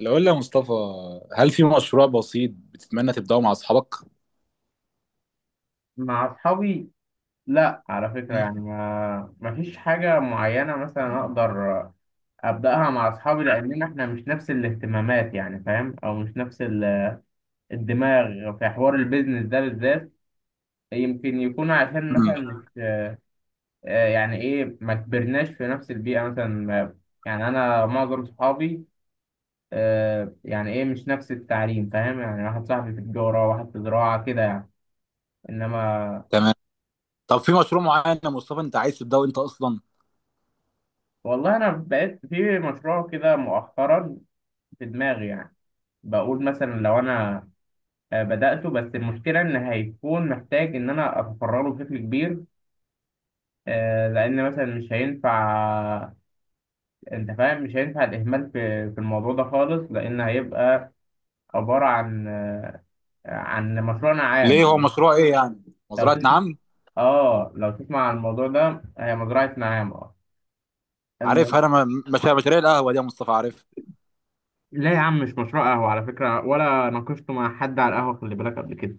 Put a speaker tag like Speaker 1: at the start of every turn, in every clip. Speaker 1: لو قلنا يا مصطفى، هل في مشروع بسيط بتتمنى تبدأه مع أصحابك؟
Speaker 2: مع اصحابي. لا على فكره،
Speaker 1: مم.
Speaker 2: يعني ما فيش حاجه معينه مثلا اقدر ابداها مع اصحابي، لاننا احنا مش نفس الاهتمامات يعني فاهم، او مش نفس الدماغ في حوار البيزنس ده بالذات. يمكن يكون عشان
Speaker 1: مم.
Speaker 2: مثلا مش يعني ايه ما كبرناش في نفس البيئه مثلا يعني انا معظم صحابي يعني ايه مش نفس التعليم، فاهم؟ يعني واحد صاحبي في تجاره، واحد في زراعه كده يعني. انما
Speaker 1: تمام. طب في مشروع معين يا مصطفى أنت عايز تبدأه أنت أصلا؟
Speaker 2: والله انا بقيت في مشروع كده مؤخرا في دماغي يعني. بقول مثلا لو انا بدأته، بس المشكلة ان هيكون محتاج ان انا افرغه بشكل كبير، لان مثلا مش هينفع. انت فاهم، مش هينفع الاهمال في الموضوع ده خالص، لان هيبقى عبارة عن عن مشروعنا عام.
Speaker 1: ليه؟ هو مشروع إيه يعني؟
Speaker 2: لو
Speaker 1: مزرعة
Speaker 2: تسمع،
Speaker 1: نعم؟
Speaker 2: اه لو تسمع عن الموضوع ده، هي مزرعة نعام اه.
Speaker 1: عارفها
Speaker 2: الم...
Speaker 1: أنا. مش مشاريع القهوة دي يا مصطفى، عارف.
Speaker 2: لا يا عم، مش مشروع قهوة على فكرة، ولا ناقشته مع حد على القهوة، خلي بالك، قبل كده.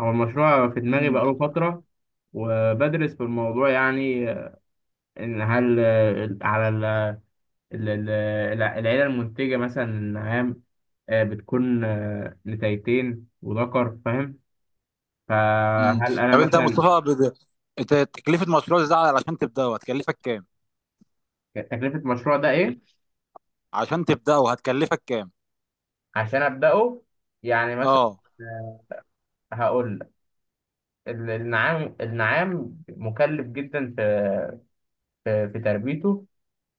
Speaker 2: هو المشروع في دماغي
Speaker 1: مم.
Speaker 2: بقاله فترة وبدرس في الموضوع يعني. إن هل على ال- ال- العيلة المنتجة مثلا النعام بتكون نتايتين وذكر، فاهم؟
Speaker 1: مم.
Speaker 2: فهل أنا
Speaker 1: طب أنت يا
Speaker 2: مثلا؟
Speaker 1: مصطفى أنت تكلفة مشروع زي ده علشان تبدأه هتكلفك كام؟
Speaker 2: تكلفة المشروع ده إيه؟
Speaker 1: عشان تبدأه هتكلفك كام؟
Speaker 2: عشان أبدأه يعني مثلا
Speaker 1: أه.
Speaker 2: آه، هقول لك، النعام مكلف جدا في في تربيته،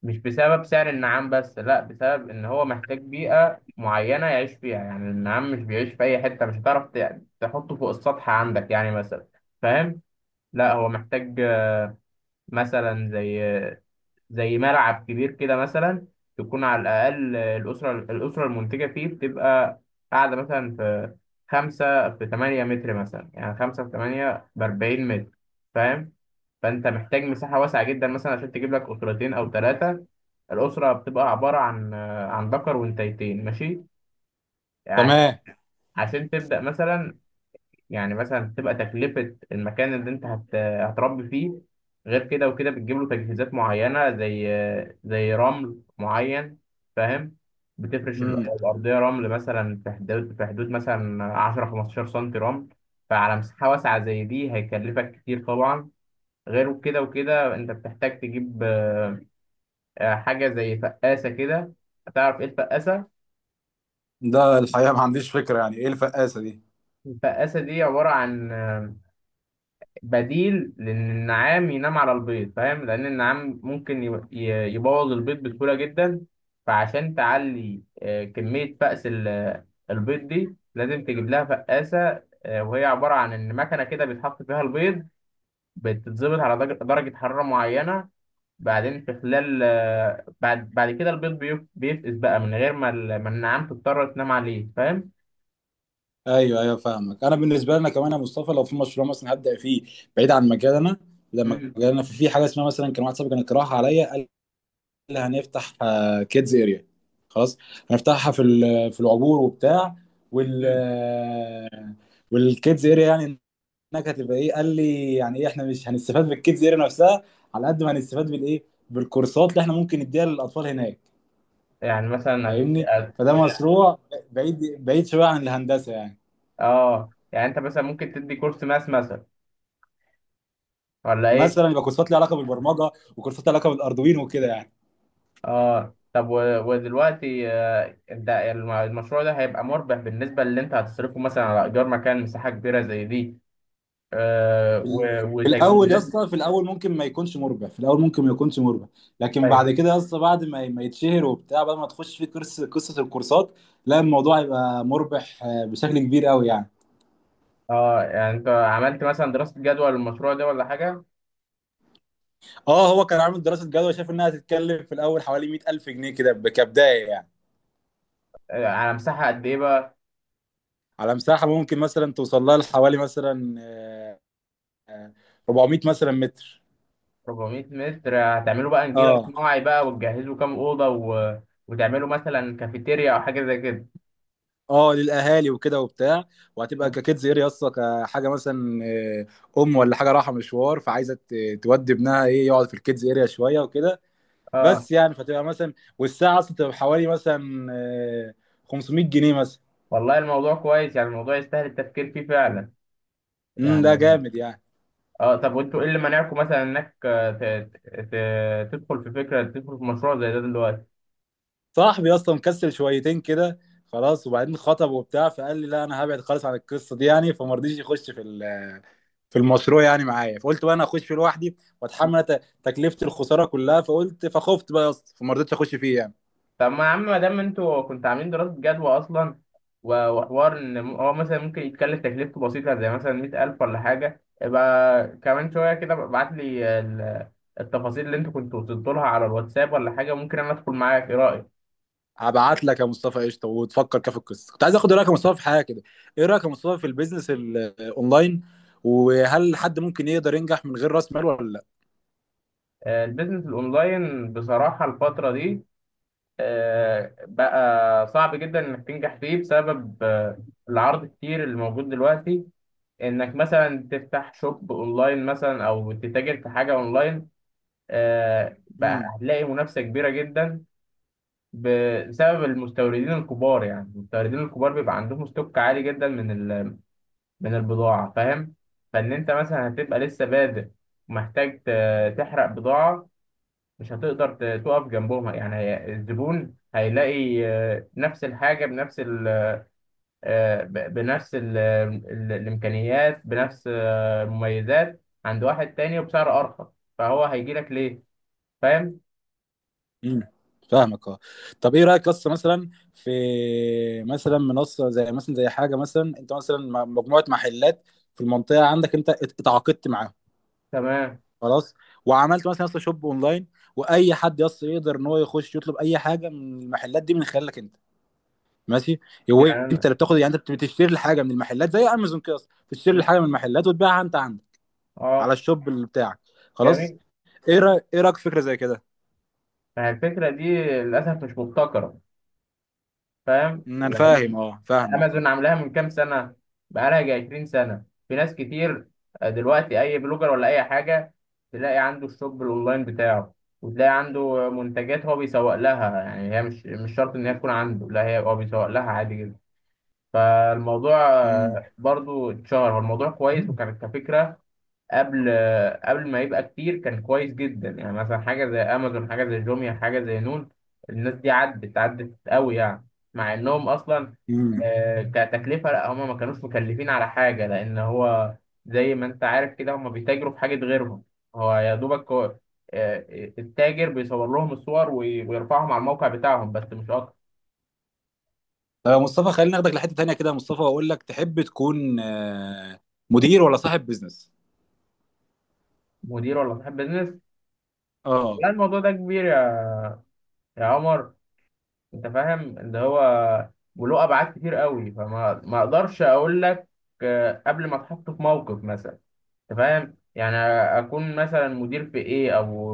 Speaker 2: مش بسبب سعر النعام بس، لا بسبب ان هو محتاج بيئة معينة يعيش فيها. يعني النعام مش بيعيش في اي حتة. مش هتعرف تحطه فوق السطح عندك يعني مثلا، فاهم؟ لا هو محتاج مثلا زي زي ملعب كبير كده مثلا، تكون على الأقل الأسرة المنتجة فيه بتبقى قاعدة مثلا في خمسة في تمانية متر مثلا، يعني خمسة في تمانية بأربعين متر، فاهم؟ فأنت محتاج مساحة واسعة جدا مثلا عشان تجيب لك أسرتين أو ثلاثة. الأسرة بتبقى عبارة عن عن ذكر وانتيتين، ماشي؟ عشان
Speaker 1: تمام.
Speaker 2: عشان تبدأ مثلا، يعني مثلا تبقى تكلفة المكان اللي انت هتربي فيه، غير كده وكده بتجيب له تجهيزات معينة زي زي رمل معين، فاهم؟ بتفرش
Speaker 1: مم.
Speaker 2: الأرضية رمل مثلا في حدود مثلا 10 15 سنتي رمل. فعلى مساحة واسعة زي دي هيكلفك كتير طبعا. غير كده وكده انت بتحتاج تجيب حاجة زي فقاسة كده. هتعرف ايه الفقاسة؟
Speaker 1: ده الحقيقة ما عنديش فكرة يعني ايه الفقاسة دي.
Speaker 2: الفقاسة دي عبارة عن بديل لان النعام ينام على البيض، فاهم؟ لان النعام ممكن يبوظ البيض بسهوله جدا. فعشان تعلي كميه فأس البيض دي، لازم تجيب لها فقاسه وهي عباره عن ان مكنه كده بيتحط فيها البيض، بتتظبط على درجة حراره معينه. بعدين في خلال بعد كده البيض بيفقس بقى من غير ما ما النعام تضطر تنام عليه، فاهم؟
Speaker 1: ايوه ايوه، فاهمك. انا بالنسبه لنا كمان يا مصطفى لو في مشروع مثلا هبدا فيه بعيد عن مجالنا، لما
Speaker 2: مم.
Speaker 1: مجالنا في حاجه اسمها، مثلا كان واحد صاحبي كان اقتراح عليا، قال لي هنفتح كيدز اريا. خلاص، هنفتحها في العبور وبتاع وال-
Speaker 2: مم.
Speaker 1: والكيدز اريا يعني انك هتبقى ايه. قال لي يعني ايه، احنا مش هنستفاد بالكيدز اريا نفسها على قد ما هنستفاد بالايه، بالكورسات اللي احنا ممكن نديها للاطفال هناك.
Speaker 2: يعني مثلا
Speaker 1: فاهمني. فده مشروع بعيد، بعيد شويه عن الهندسه يعني.
Speaker 2: اه يعني انت مثلا ممكن تدي كورس ماس مثلا، ولا ايه؟
Speaker 1: مثلا يبقى كورسات ليها علاقه بالبرمجه، وكورسات ليها علاقه بالاردوين وكده يعني.
Speaker 2: اه طب ودلوقتي انت المشروع ده هيبقى مربح بالنسبه اللي انت هتصرفه، مثلا على ايجار مكان مساحه كبيره زي دي
Speaker 1: في ال- في الاول يا
Speaker 2: وتجهيزات؟
Speaker 1: اسطى، في الاول ممكن ما يكونش مربح، في الاول ممكن ما يكونش مربح، لكن
Speaker 2: طيب،
Speaker 1: بعد كده يا اسطى بعد ما يتشهر وبتاع، بعد ما تخش في كورس قصه الكورسات، لا الموضوع يبقى مربح بشكل كبير قوي يعني.
Speaker 2: اه يعني انت عملت مثلا دراسه جدوى للمشروع ده ولا حاجه؟
Speaker 1: اه، هو كان عامل دراسه جدوى، شاف انها هتتكلم في الاول حوالي 100000 جنيه كده، كبدايه يعني.
Speaker 2: على مساحه قد ايه بقى؟
Speaker 1: على مساحه ممكن مثلا توصل لها لحوالي مثلا آه، 400 مثلا متر.
Speaker 2: 400 متر. هتعملوا بقى نجيل
Speaker 1: اه.
Speaker 2: صناعي بقى، وتجهزوا كام اوضه وتعملوا مثلا كافيتيريا او حاجه زي كده؟
Speaker 1: اه، للاهالي وكده وبتاع، وهتبقى ككيدز اير يسطا كحاجه مثلا ام، ولا حاجه رايحه مشوار فعايزه تودي ابنها، ايه، يقعد في الكيدز اريا شويه وكده
Speaker 2: اه.
Speaker 1: بس يعني. فتبقى مثلا والساعه اصلا تبقى حوالي مثلا 500 جنيه مثلا.
Speaker 2: والله الموضوع كويس يعني، الموضوع يستاهل التفكير فيه فعلا
Speaker 1: امم، ده
Speaker 2: يعني.
Speaker 1: جامد يعني.
Speaker 2: اه طب وانتوا ايه اللي منعكم مثلا انك تدخل في فكره، تدخل في مشروع زي ده دلوقتي؟
Speaker 1: صاحبي اصلا مكسل شويتين كده، خلاص، وبعدين خطب وبتاع، فقال لي لا انا هبعد خالص عن القصه دي يعني، فما رضيش يخش في المشروع يعني معايا. فقلت بقى انا اخش فيه لوحدي واتحمل أنا تكلفه الخساره كلها، فقلت، فخفت بقى يا اسطى فما رضيتش اخش فيه يعني.
Speaker 2: طب ما يا عم، ما دام انتوا كنتوا عاملين دراسه جدوى اصلا وحوار ان هو مثلا ممكن يتكلف تكلفته بسيطه زي مثلا 100,000 ولا حاجه، يبقى كمان شويه كده ابعت لي التفاصيل اللي انتوا كنتوا وصلتوا لها على الواتساب ولا حاجه، ممكن انا ادخل معاك. ايه رايك؟
Speaker 1: هبعت لك يا مصطفى قشطه وتفكر كده في القصه. كنت عايز اخد رايك يا مصطفى في حاجه كده. ايه رايك يا مصطفى في البيزنس الاونلاين، وهل حد ممكن يقدر ينجح من غير راس مال ولا لا؟
Speaker 2: البيزنس الاونلاين بصراحه الفتره دي بقى صعب جدا انك تنجح فيه بسبب العرض الكتير اللي موجود دلوقتي. انك مثلا تفتح شوب اونلاين مثلا او تتاجر في حاجه اونلاين بقى
Speaker 1: امم.
Speaker 2: هتلاقي منافسه كبيره جدا بسبب المستوردين الكبار. يعني المستوردين الكبار بيبقى عندهم ستوك عالي جدا من من البضاعه، فاهم؟ فان انت مثلا هتبقى لسه بادئ ومحتاج تحرق بضاعه، مش هتقدر تقف جنبهم. يعني الزبون هيلاقي نفس الحاجة بنفس بنفس ال الإمكانيات، بنفس المميزات عند واحد تاني وبسعر أرخص. فهو هيجي لك ليه؟ فاهم؟
Speaker 1: امم، فاهمك. اه، طب ايه رايك قصه مثلا في مثلا منصه زي مثلا، زي حاجه مثلا، انت مثلا مجموعه محلات في المنطقه عندك انت اتعاقدت معاهم،
Speaker 2: تمام.
Speaker 1: خلاص، وعملت مثلا يا اسطى شوب اونلاين، واي حد يا اسطى يقدر ان هو يخش يطلب اي حاجه من المحلات دي من خلالك انت. ماشي. هو
Speaker 2: يعني
Speaker 1: انت
Speaker 2: أنا
Speaker 1: اللي بتاخد، يعني انت بتشتري الحاجه من المحلات، زي امازون كده اصلا، بتشتري
Speaker 2: م-
Speaker 1: الحاجه من المحلات وتبيعها انت عندك على
Speaker 2: اه
Speaker 1: الشوب اللي بتاعك، خلاص.
Speaker 2: جميل.
Speaker 1: ايه رايك، ايه رايك في فكره زي كده؟
Speaker 2: فالفكرة دي للأسف مش مبتكرة، فاهم؟
Speaker 1: إن انا فاهم،
Speaker 2: لان
Speaker 1: اه، فاهمك اه.
Speaker 2: امازون عاملاها من كام سنه، بقالها جاي 20 سنه، في ناس كتير دلوقتي اي بلوجر ولا اي حاجه تلاقي عنده الشوب الاونلاين بتاعه، وتلاقي عنده منتجات هو بيسوق لها. يعني هي مش شرط ان هي تكون عنده، لا هي هو بيسوق لها عادي جدا. فالموضوع
Speaker 1: امم.
Speaker 2: برضو اتشهر، هو الموضوع كويس وكانت كفكره قبل قبل ما يبقى كتير كان كويس جدا. يعني مثلا حاجة زي أمازون، حاجة زي جوميا، حاجة زي نون، الناس دي عدت عدت قوي يعني، مع إنهم أصلا
Speaker 1: امم.
Speaker 2: كتكلفة لا هما ما كانوش مكلفين على حاجة، لأن هو زي ما أنت عارف كده هما بيتاجروا في حاجة غيرهم. هو يا دوبك هو آه، التاجر بيصور لهم الصور ويرفعهم على الموقع بتاعهم، بس مش أكتر.
Speaker 1: طب يا مصطفى خلينا ناخدك لحته تانيه كده يا مصطفى، واقول لك تحب تكون مدير ولا صاحب بيزنس؟
Speaker 2: مدير ولا صاحب بيزنس؟
Speaker 1: اه.
Speaker 2: لا الموضوع ده كبير يا يا عمر. انت فاهم، اللي هو وله ابعاد كتير قوي، فما ما اقدرش اقول لك قبل ما اتحط في موقف مثلا، انت فاهم يعني، اكون مثلا مدير في ايه، او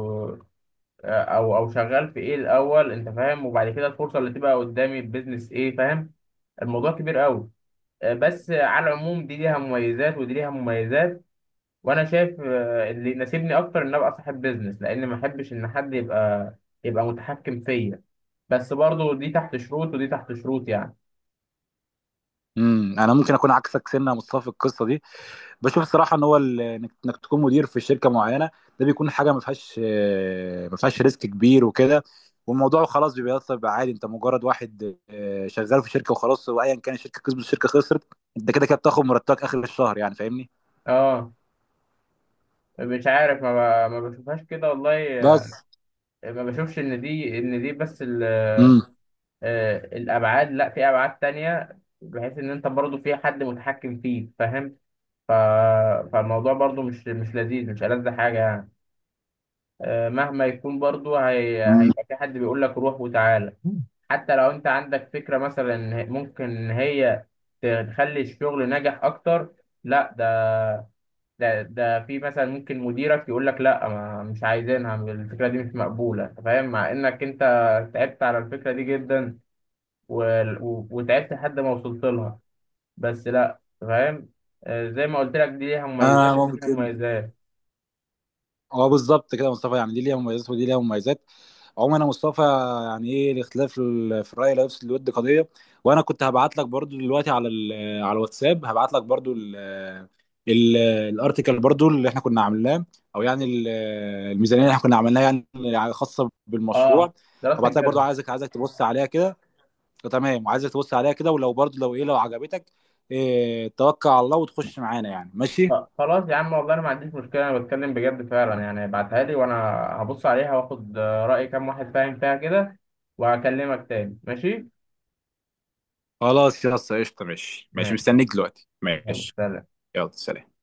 Speaker 2: او شغال في ايه الاول، انت فاهم، وبعد كده الفرصه اللي تبقى قدامي البيزنس ايه، فاهم؟ الموضوع كبير قوي. بس على العموم دي ليها مميزات ودي ليها مميزات، وانا شايف اللي يناسبني اكتر ان ابقى صاحب بيزنس، لان ما احبش ان حد يبقى يبقى متحكم فيا. بس برضو دي تحت شروط ودي تحت شروط يعني.
Speaker 1: امم، انا ممكن اكون عكسك سنه يا مصطفى في القصه دي. بشوف الصراحه ان هو انك إنك تكون مدير في شركه معينه، ده بيكون حاجه ما فيهاش ريسك كبير وكده، والموضوع خلاص بيبقى بيبقى عادي، انت مجرد واحد شغال في شركه وخلاص، وايا كان الشركه كسبت الشركه خسرت، انت كده كده بتاخد مرتبك اخر الشهر يعني، فاهمني.
Speaker 2: اه مش عارف، ما بشوفهاش كده والله.
Speaker 1: بس.
Speaker 2: ما بشوفش ان دي ان دي بس
Speaker 1: امم.
Speaker 2: الابعاد. لا في ابعاد تانية، بحيث ان انت برضو في حد متحكم فيك، فاهم؟ ف... فالموضوع برضو مش لذيذ، مش ألذ حاجة يعني. مهما يكون برضو
Speaker 1: امم،
Speaker 2: هيبقى في حد بيقول لك روح وتعالى، حتى لو انت عندك فكرة مثلا ممكن هي تخلي الشغل ناجح اكتر. لا ده في مثلا ممكن مديرك يقول لك لا، ما مش عايزينها الفكره دي، مش مقبوله، أنت فاهم، مع انك انت تعبت على الفكره دي جدا و... وتعبت لحد ما وصلت لها، بس لا. أنت فاهم، زي ما قلت لك دي ليها
Speaker 1: انا
Speaker 2: مميزات ودي ليها
Speaker 1: ممكن.
Speaker 2: مميزات.
Speaker 1: اه، بالظبط كده يا مصطفى، يعني دي ليها مميزات ودي ليها مميزات. عمر مصطفى، يعني ايه، الاختلاف في الراي لا يفسد الود قضيه. وانا كنت هبعت لك برضو دلوقتي على الواتساب، هبعت لك برضو ال- الارتيكل برضو اللي احنا كنا عاملاه، او يعني الميزانيه اللي احنا كنا عملناها يعني خاصه
Speaker 2: اه
Speaker 1: بالمشروع.
Speaker 2: دراسه
Speaker 1: هبعت لك برضو،
Speaker 2: الجد.
Speaker 1: عايزك تبص عليها كده. تمام، وعايزك تبص عليها كده، ولو برضو لو ايه، لو عجبتك، إيه، توكل على الله وتخش معانا يعني، ماشي؟
Speaker 2: خلاص يا عم، والله انا ما عنديش مشكله، انا بتكلم بجد فعلا يعني. ابعتها لي وانا هبص عليها واخد راي كام واحد فاهم فيها كده، وهكلمك تاني ماشي.
Speaker 1: خلاص يا اسطى قشطه، ماشي ماشي،
Speaker 2: ماشي.
Speaker 1: مستنيك دلوقتي،
Speaker 2: يلا،
Speaker 1: ماشي.
Speaker 2: سلام.
Speaker 1: يلا سلام.